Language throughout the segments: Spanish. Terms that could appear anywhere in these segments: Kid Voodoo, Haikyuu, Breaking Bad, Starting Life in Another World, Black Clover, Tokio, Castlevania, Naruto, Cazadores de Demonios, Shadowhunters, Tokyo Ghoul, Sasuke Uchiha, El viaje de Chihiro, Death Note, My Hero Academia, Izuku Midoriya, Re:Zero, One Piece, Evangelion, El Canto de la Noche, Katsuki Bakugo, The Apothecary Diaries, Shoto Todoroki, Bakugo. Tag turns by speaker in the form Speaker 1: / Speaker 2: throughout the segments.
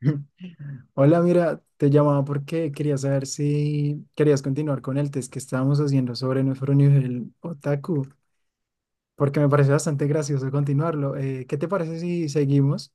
Speaker 1: Hola, mira, te llamaba porque quería saber si querías continuar con el test que estábamos haciendo sobre nuestro nivel otaku, porque me parece bastante gracioso continuarlo. ¿Qué te parece si seguimos?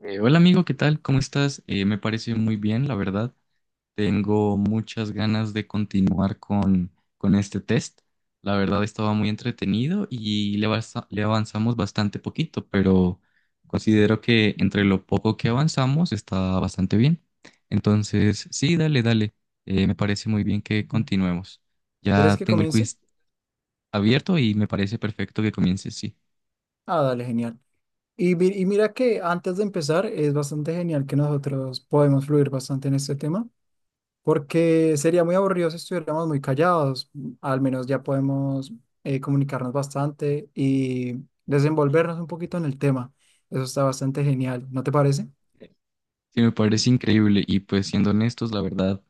Speaker 2: Hola amigo, ¿qué tal? ¿Cómo estás? Me parece muy bien, la verdad. Tengo muchas ganas de continuar con este test. La verdad estaba muy entretenido y le avanzamos bastante poquito, pero considero que entre lo poco que avanzamos está bastante bien. Entonces, sí, dale, dale. Me parece muy bien que continuemos.
Speaker 1: ¿Quieres
Speaker 2: Ya
Speaker 1: que
Speaker 2: tengo el
Speaker 1: comience?
Speaker 2: quiz abierto y me parece perfecto que comiences, sí.
Speaker 1: Ah, dale, genial. Y mira que antes de empezar es bastante genial que nosotros podemos fluir bastante en este tema, porque sería muy aburrido si estuviéramos muy callados. Al menos ya podemos comunicarnos bastante y desenvolvernos un poquito en el tema. Eso está bastante genial, ¿no te parece?
Speaker 2: Sí, me parece increíble y pues siendo honestos, la verdad.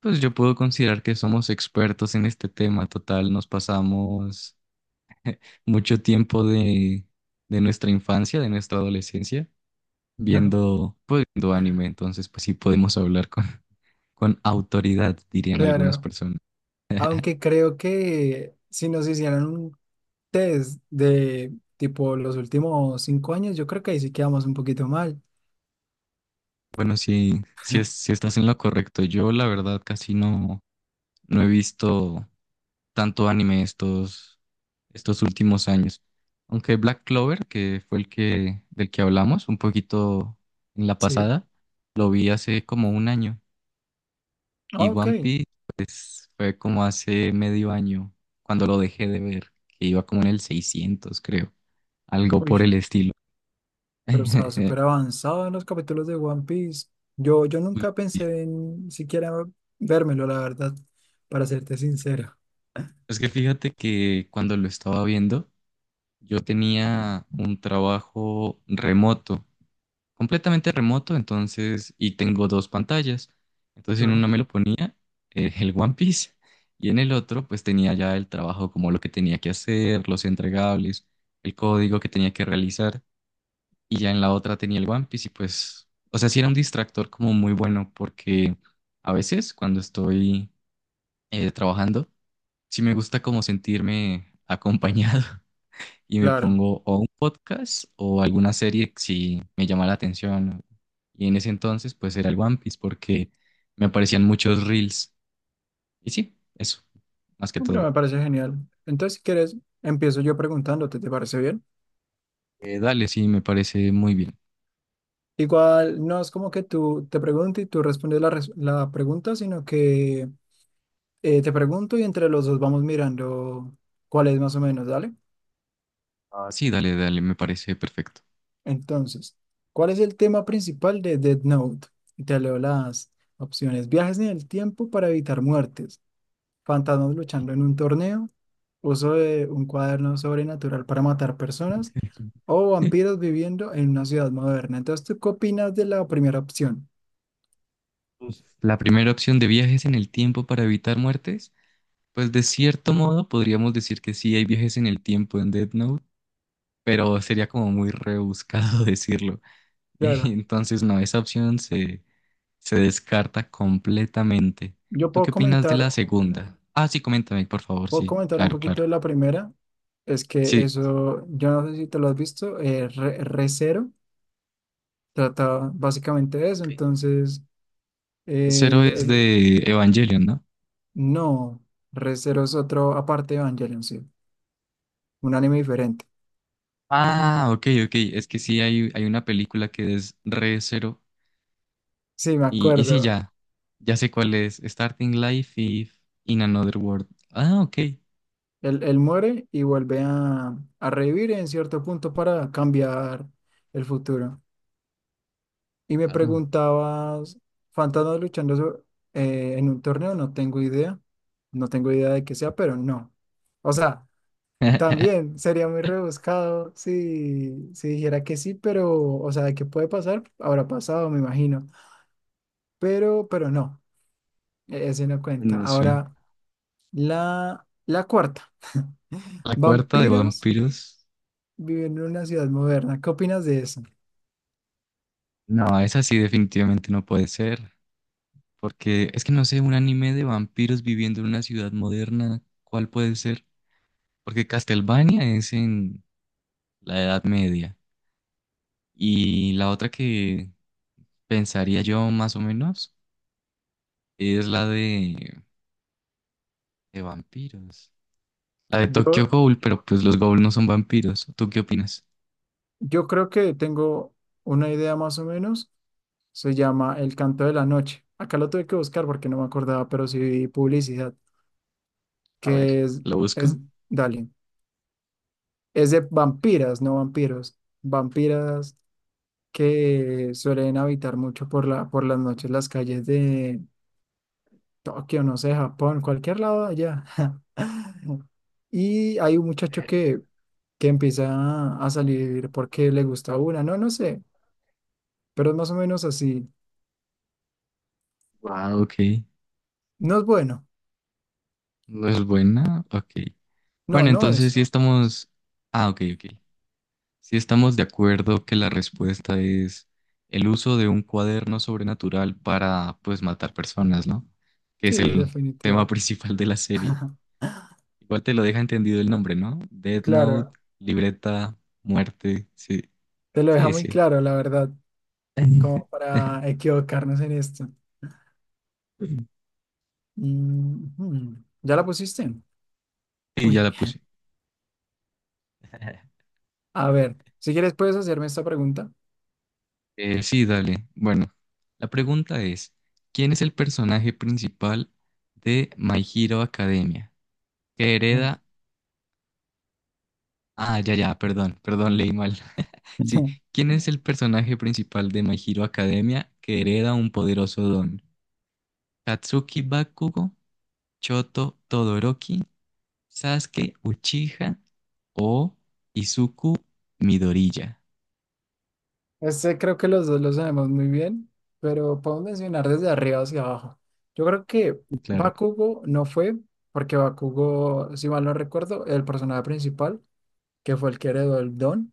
Speaker 2: Pues yo puedo considerar que somos expertos en este tema total. Nos pasamos mucho tiempo de nuestra infancia, de nuestra adolescencia, viendo, pues, viendo anime. Entonces, pues sí podemos hablar con con autoridad, dirían algunas
Speaker 1: Claro,
Speaker 2: personas.
Speaker 1: aunque creo que si nos hicieran un test de tipo los últimos cinco años, yo creo que ahí sí quedamos un poquito mal.
Speaker 2: Bueno, sí, sí, sí estás en lo correcto. Yo, la verdad, casi no, no he visto tanto anime estos últimos años. Aunque Black Clover, que fue del que hablamos un poquito en la
Speaker 1: Sí,
Speaker 2: pasada, lo vi hace como un año.
Speaker 1: ah,
Speaker 2: Y
Speaker 1: ok.
Speaker 2: One Piece, pues, fue como hace medio año, cuando lo dejé de ver, que iba como en el 600, creo. Algo por
Speaker 1: Uy.
Speaker 2: el estilo.
Speaker 1: Pero estaba súper avanzado en los capítulos de One Piece. Yo
Speaker 2: Uy,
Speaker 1: nunca
Speaker 2: sí.
Speaker 1: pensé en siquiera vérmelo, la verdad, para serte sincero.
Speaker 2: Es que fíjate que cuando lo estaba viendo, yo tenía un trabajo remoto completamente remoto, entonces, y tengo dos pantallas. Entonces, en una
Speaker 1: Claro.
Speaker 2: me lo ponía el One Piece, y en el otro, pues tenía ya el trabajo como lo que tenía que hacer, los entregables, el código que tenía que realizar. Y ya en la otra tenía el One Piece y pues, o sea, sí era un distractor como muy bueno porque a veces cuando estoy trabajando, sí me gusta como sentirme acompañado. Y me
Speaker 1: Claro.
Speaker 2: pongo o un podcast o alguna serie si me llama la atención. Y en ese entonces pues era el One Piece porque me aparecían muchos reels. Y sí, eso, más que
Speaker 1: Hombre, me
Speaker 2: todo.
Speaker 1: parece genial. Entonces, si quieres, empiezo yo preguntándote, ¿te parece bien?
Speaker 2: Dale, sí, me parece muy bien.
Speaker 1: Igual, no es como que tú te preguntes y tú respondes la pregunta, sino que te pregunto y entre los dos vamos mirando cuál es más o menos, ¿dale?
Speaker 2: Ah, sí, dale, dale, me parece perfecto.
Speaker 1: Entonces, ¿cuál es el tema principal de Death Note? Y te leo las opciones. Viajes en el tiempo para evitar muertes. Fantasmas luchando en un torneo. Uso de un cuaderno sobrenatural para matar personas. O vampiros viviendo en una ciudad moderna. Entonces, ¿tú qué opinas de la primera opción?
Speaker 2: Uf, la primera opción de viajes en el tiempo para evitar muertes, pues de cierto modo podríamos decir que sí hay viajes en el tiempo en Death Note, pero sería como muy rebuscado decirlo. Y
Speaker 1: Claro.
Speaker 2: entonces no, esa se descarta completamente.
Speaker 1: Yo
Speaker 2: ¿Tú
Speaker 1: puedo
Speaker 2: qué opinas de la
Speaker 1: comentar,
Speaker 2: segunda? Ah, sí, coméntame, por favor.
Speaker 1: puedo
Speaker 2: Sí,
Speaker 1: comentar un
Speaker 2: claro,
Speaker 1: poquito
Speaker 2: claro.
Speaker 1: de la primera. Es que
Speaker 2: Sí,
Speaker 1: eso, yo no sé si te lo has visto, Re:Zero. Trata básicamente de eso,
Speaker 2: ok.
Speaker 1: entonces, eh,
Speaker 2: Cero es
Speaker 1: es-
Speaker 2: de Evangelion, ¿no?
Speaker 1: no, Re Zero es otro, aparte de Evangelion, sí, un anime diferente.
Speaker 2: Ah, ok, ok. Es que sí, hay una película que es re Cero.
Speaker 1: Sí, me
Speaker 2: Y sí,
Speaker 1: acuerdo,
Speaker 2: ya. Ya sé cuál es. Starting Life y In Another World. Ah, ok.
Speaker 1: él muere y vuelve a revivir en cierto punto para cambiar el futuro. Y me
Speaker 2: Wow.
Speaker 1: preguntabas, ¿fantasmas luchando en un torneo? No tengo idea de qué sea, pero no. O sea, también sería muy rebuscado si dijera que sí, pero, o sea, de que puede pasar, habrá pasado, me imagino. Pero no, ese no cuenta.
Speaker 2: No sé.
Speaker 1: Ahora, la cuarta.
Speaker 2: La cuarta de
Speaker 1: Vampiros
Speaker 2: vampiros.
Speaker 1: viven en una ciudad moderna. ¿Qué opinas de eso?
Speaker 2: No, esa sí definitivamente no puede ser. Porque es que no sé, un anime de vampiros viviendo en una ciudad moderna, ¿cuál puede ser? Porque Castlevania es en la Edad Media. Y la otra que pensaría yo más o menos es la de vampiros. La de Tokyo
Speaker 1: Yo,
Speaker 2: Ghoul, pero pues los Ghoul no son vampiros. ¿Tú qué opinas?
Speaker 1: yo creo que tengo una idea más o menos. Se llama El Canto de la Noche. Acá lo tuve que buscar porque no me acordaba, pero sí vi publicidad,
Speaker 2: A ver,
Speaker 1: que
Speaker 2: ¿lo
Speaker 1: es,
Speaker 2: busco?
Speaker 1: dale. Es de vampiras, no vampiros. Vampiras que suelen habitar mucho por por las noches las calles de Tokio, no sé, Japón, cualquier lado de allá. Y hay un muchacho que empieza a salir porque le gusta una, no, no sé, pero es más o menos así.
Speaker 2: Wow, ok.
Speaker 1: No es bueno,
Speaker 2: No es buena, ok.
Speaker 1: no,
Speaker 2: Bueno,
Speaker 1: no
Speaker 2: entonces
Speaker 1: es.
Speaker 2: sí estamos... Ah, ok, ok. Si estamos de acuerdo que la respuesta es el uso de un cuaderno sobrenatural para, pues, matar personas, ¿no? Que
Speaker 1: Sí,
Speaker 2: es el tema
Speaker 1: definitivo.
Speaker 2: principal de la serie. Igual te lo deja entendido el nombre, ¿no? Death Note,
Speaker 1: Claro,
Speaker 2: libreta, muerte, sí,
Speaker 1: te lo deja
Speaker 2: sí,
Speaker 1: muy
Speaker 2: sí.
Speaker 1: claro, la verdad, como para equivocarnos en esto. Mm, hmm. ¿Ya la pusiste?
Speaker 2: Y ya
Speaker 1: Uy.
Speaker 2: la puse.
Speaker 1: A ver, si quieres puedes hacerme esta pregunta.
Speaker 2: Sí, dale. Bueno, la pregunta es, ¿quién es el personaje principal de My Hero Academia que hereda... Ah, ya, ya, perdón, perdón, leí mal. Sí, ¿quién es el personaje principal de My Hero Academia que hereda un poderoso don? ¿Katsuki Bakugo, Choto Todoroki, Sasuke Uchiha o Izuku Midoriya?
Speaker 1: Este creo que los dos lo sabemos muy bien, pero podemos mencionar desde arriba hacia abajo. Yo creo que
Speaker 2: Sí, claro.
Speaker 1: Bakugo no fue, porque Bakugo, si mal no recuerdo, el personaje principal, que fue el que heredó el don,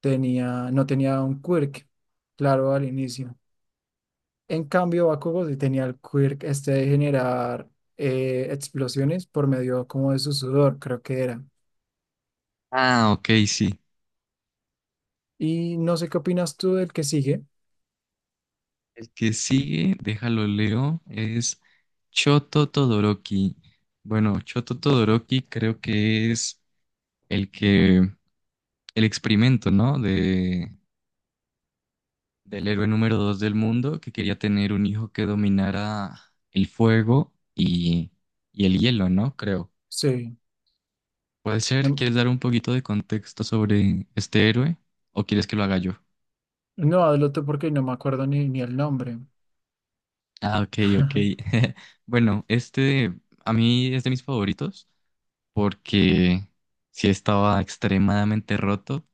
Speaker 1: no tenía un quirk, claro, al inicio. En cambio, Bakugo sí tenía el quirk este de generar explosiones por medio como de su sudor, creo que era.
Speaker 2: Ah, ok, sí.
Speaker 1: Y no sé qué opinas tú del que sigue.
Speaker 2: El que sigue, déjalo leo, es Choto Todoroki. Bueno, Choto Todoroki creo que es el que, el experimento, ¿no? De del héroe número dos del mundo que quería tener un hijo que dominara el fuego y el hielo, ¿no? Creo.
Speaker 1: Sí.
Speaker 2: ¿Puede ser?
Speaker 1: No,
Speaker 2: ¿Quieres dar un poquito de contexto sobre este héroe o quieres que lo haga yo?
Speaker 1: no, adelante porque no me acuerdo ni el nombre.
Speaker 2: Ah, ok, ok. Bueno, este a mí es de mis favoritos porque sí estaba extremadamente roto,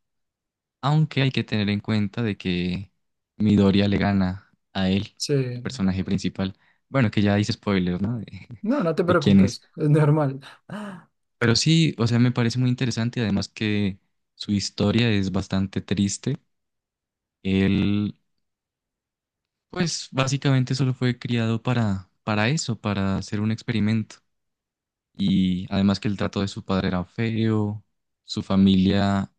Speaker 2: aunque hay que tener en cuenta de que Midoriya le gana a él, el
Speaker 1: Sí.
Speaker 2: personaje principal. Bueno, que ya hice spoilers, ¿no? De,
Speaker 1: No, no te
Speaker 2: de quién es.
Speaker 1: preocupes, es normal.
Speaker 2: Pero sí, o sea, me parece muy interesante, además que su historia es bastante triste. Él, pues básicamente solo fue criado para eso, para hacer un experimento. Y además que el trato de su padre era feo, su familia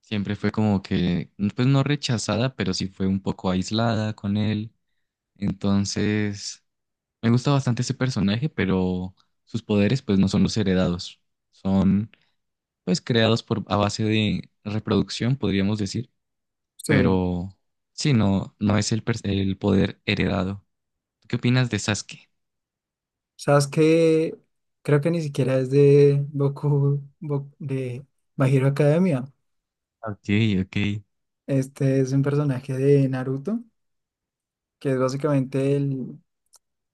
Speaker 2: siempre fue como que, pues no rechazada, pero sí fue un poco aislada con él. Entonces, me gusta bastante ese personaje, pero sus poderes pues no son los heredados, son pues creados por a base de reproducción, podríamos decir,
Speaker 1: Sí.
Speaker 2: pero sí, no, no es el poder heredado. ¿Tú qué opinas de Sasuke?
Speaker 1: Sabes que creo que ni siquiera es de de My Hero Academia.
Speaker 2: Ok, ok.
Speaker 1: Este es un personaje de Naruto, que es básicamente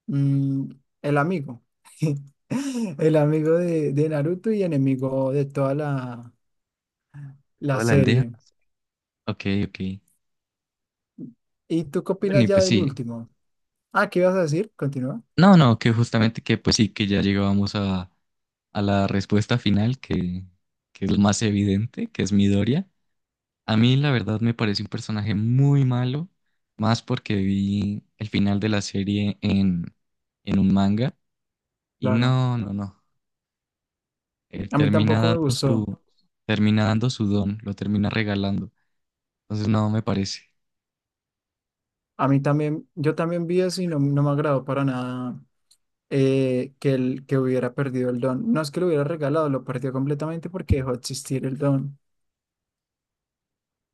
Speaker 1: mm, el amigo. El amigo de Naruto y enemigo de toda la
Speaker 2: ¿Toda la aldea?
Speaker 1: serie.
Speaker 2: Ok, ok.
Speaker 1: ¿Y tú qué
Speaker 2: Bueno,
Speaker 1: opinas
Speaker 2: y
Speaker 1: ya
Speaker 2: pues
Speaker 1: del
Speaker 2: sí.
Speaker 1: último? Ah, ¿qué ibas a decir? Continúa.
Speaker 2: No, no, que justamente que pues sí, que ya llegábamos a la respuesta final, que es lo más evidente, que es Midoriya. A mí la verdad me parece un personaje muy malo, más porque vi el final de la serie en un manga. Y
Speaker 1: Claro,
Speaker 2: no, no, no. Él
Speaker 1: a mí
Speaker 2: termina
Speaker 1: tampoco me gustó.
Speaker 2: termina dando su don, lo termina regalando. Entonces, no, me parece.
Speaker 1: A mí también, yo también vi eso y no, no me agradó para nada que hubiera perdido el don. No es que lo hubiera regalado, lo perdió completamente porque dejó de existir el don.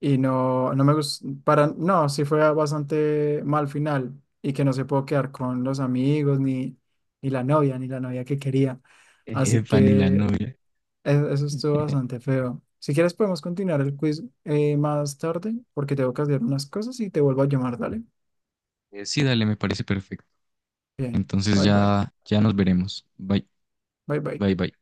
Speaker 1: Y no, no me gustó, no, sí fue bastante mal final y que no se pudo quedar con los amigos, ni, ni la novia, ni la novia que quería. Así
Speaker 2: Epa, ni la
Speaker 1: que
Speaker 2: novia.
Speaker 1: eso estuvo bastante feo. Si quieres podemos continuar el quiz más tarde porque tengo que hacer unas cosas y te vuelvo a llamar, dale.
Speaker 2: Sí, dale, me parece perfecto.
Speaker 1: Bien,
Speaker 2: Entonces
Speaker 1: bye bye,
Speaker 2: ya, ya nos veremos. Bye,
Speaker 1: bye bye.
Speaker 2: bye, bye.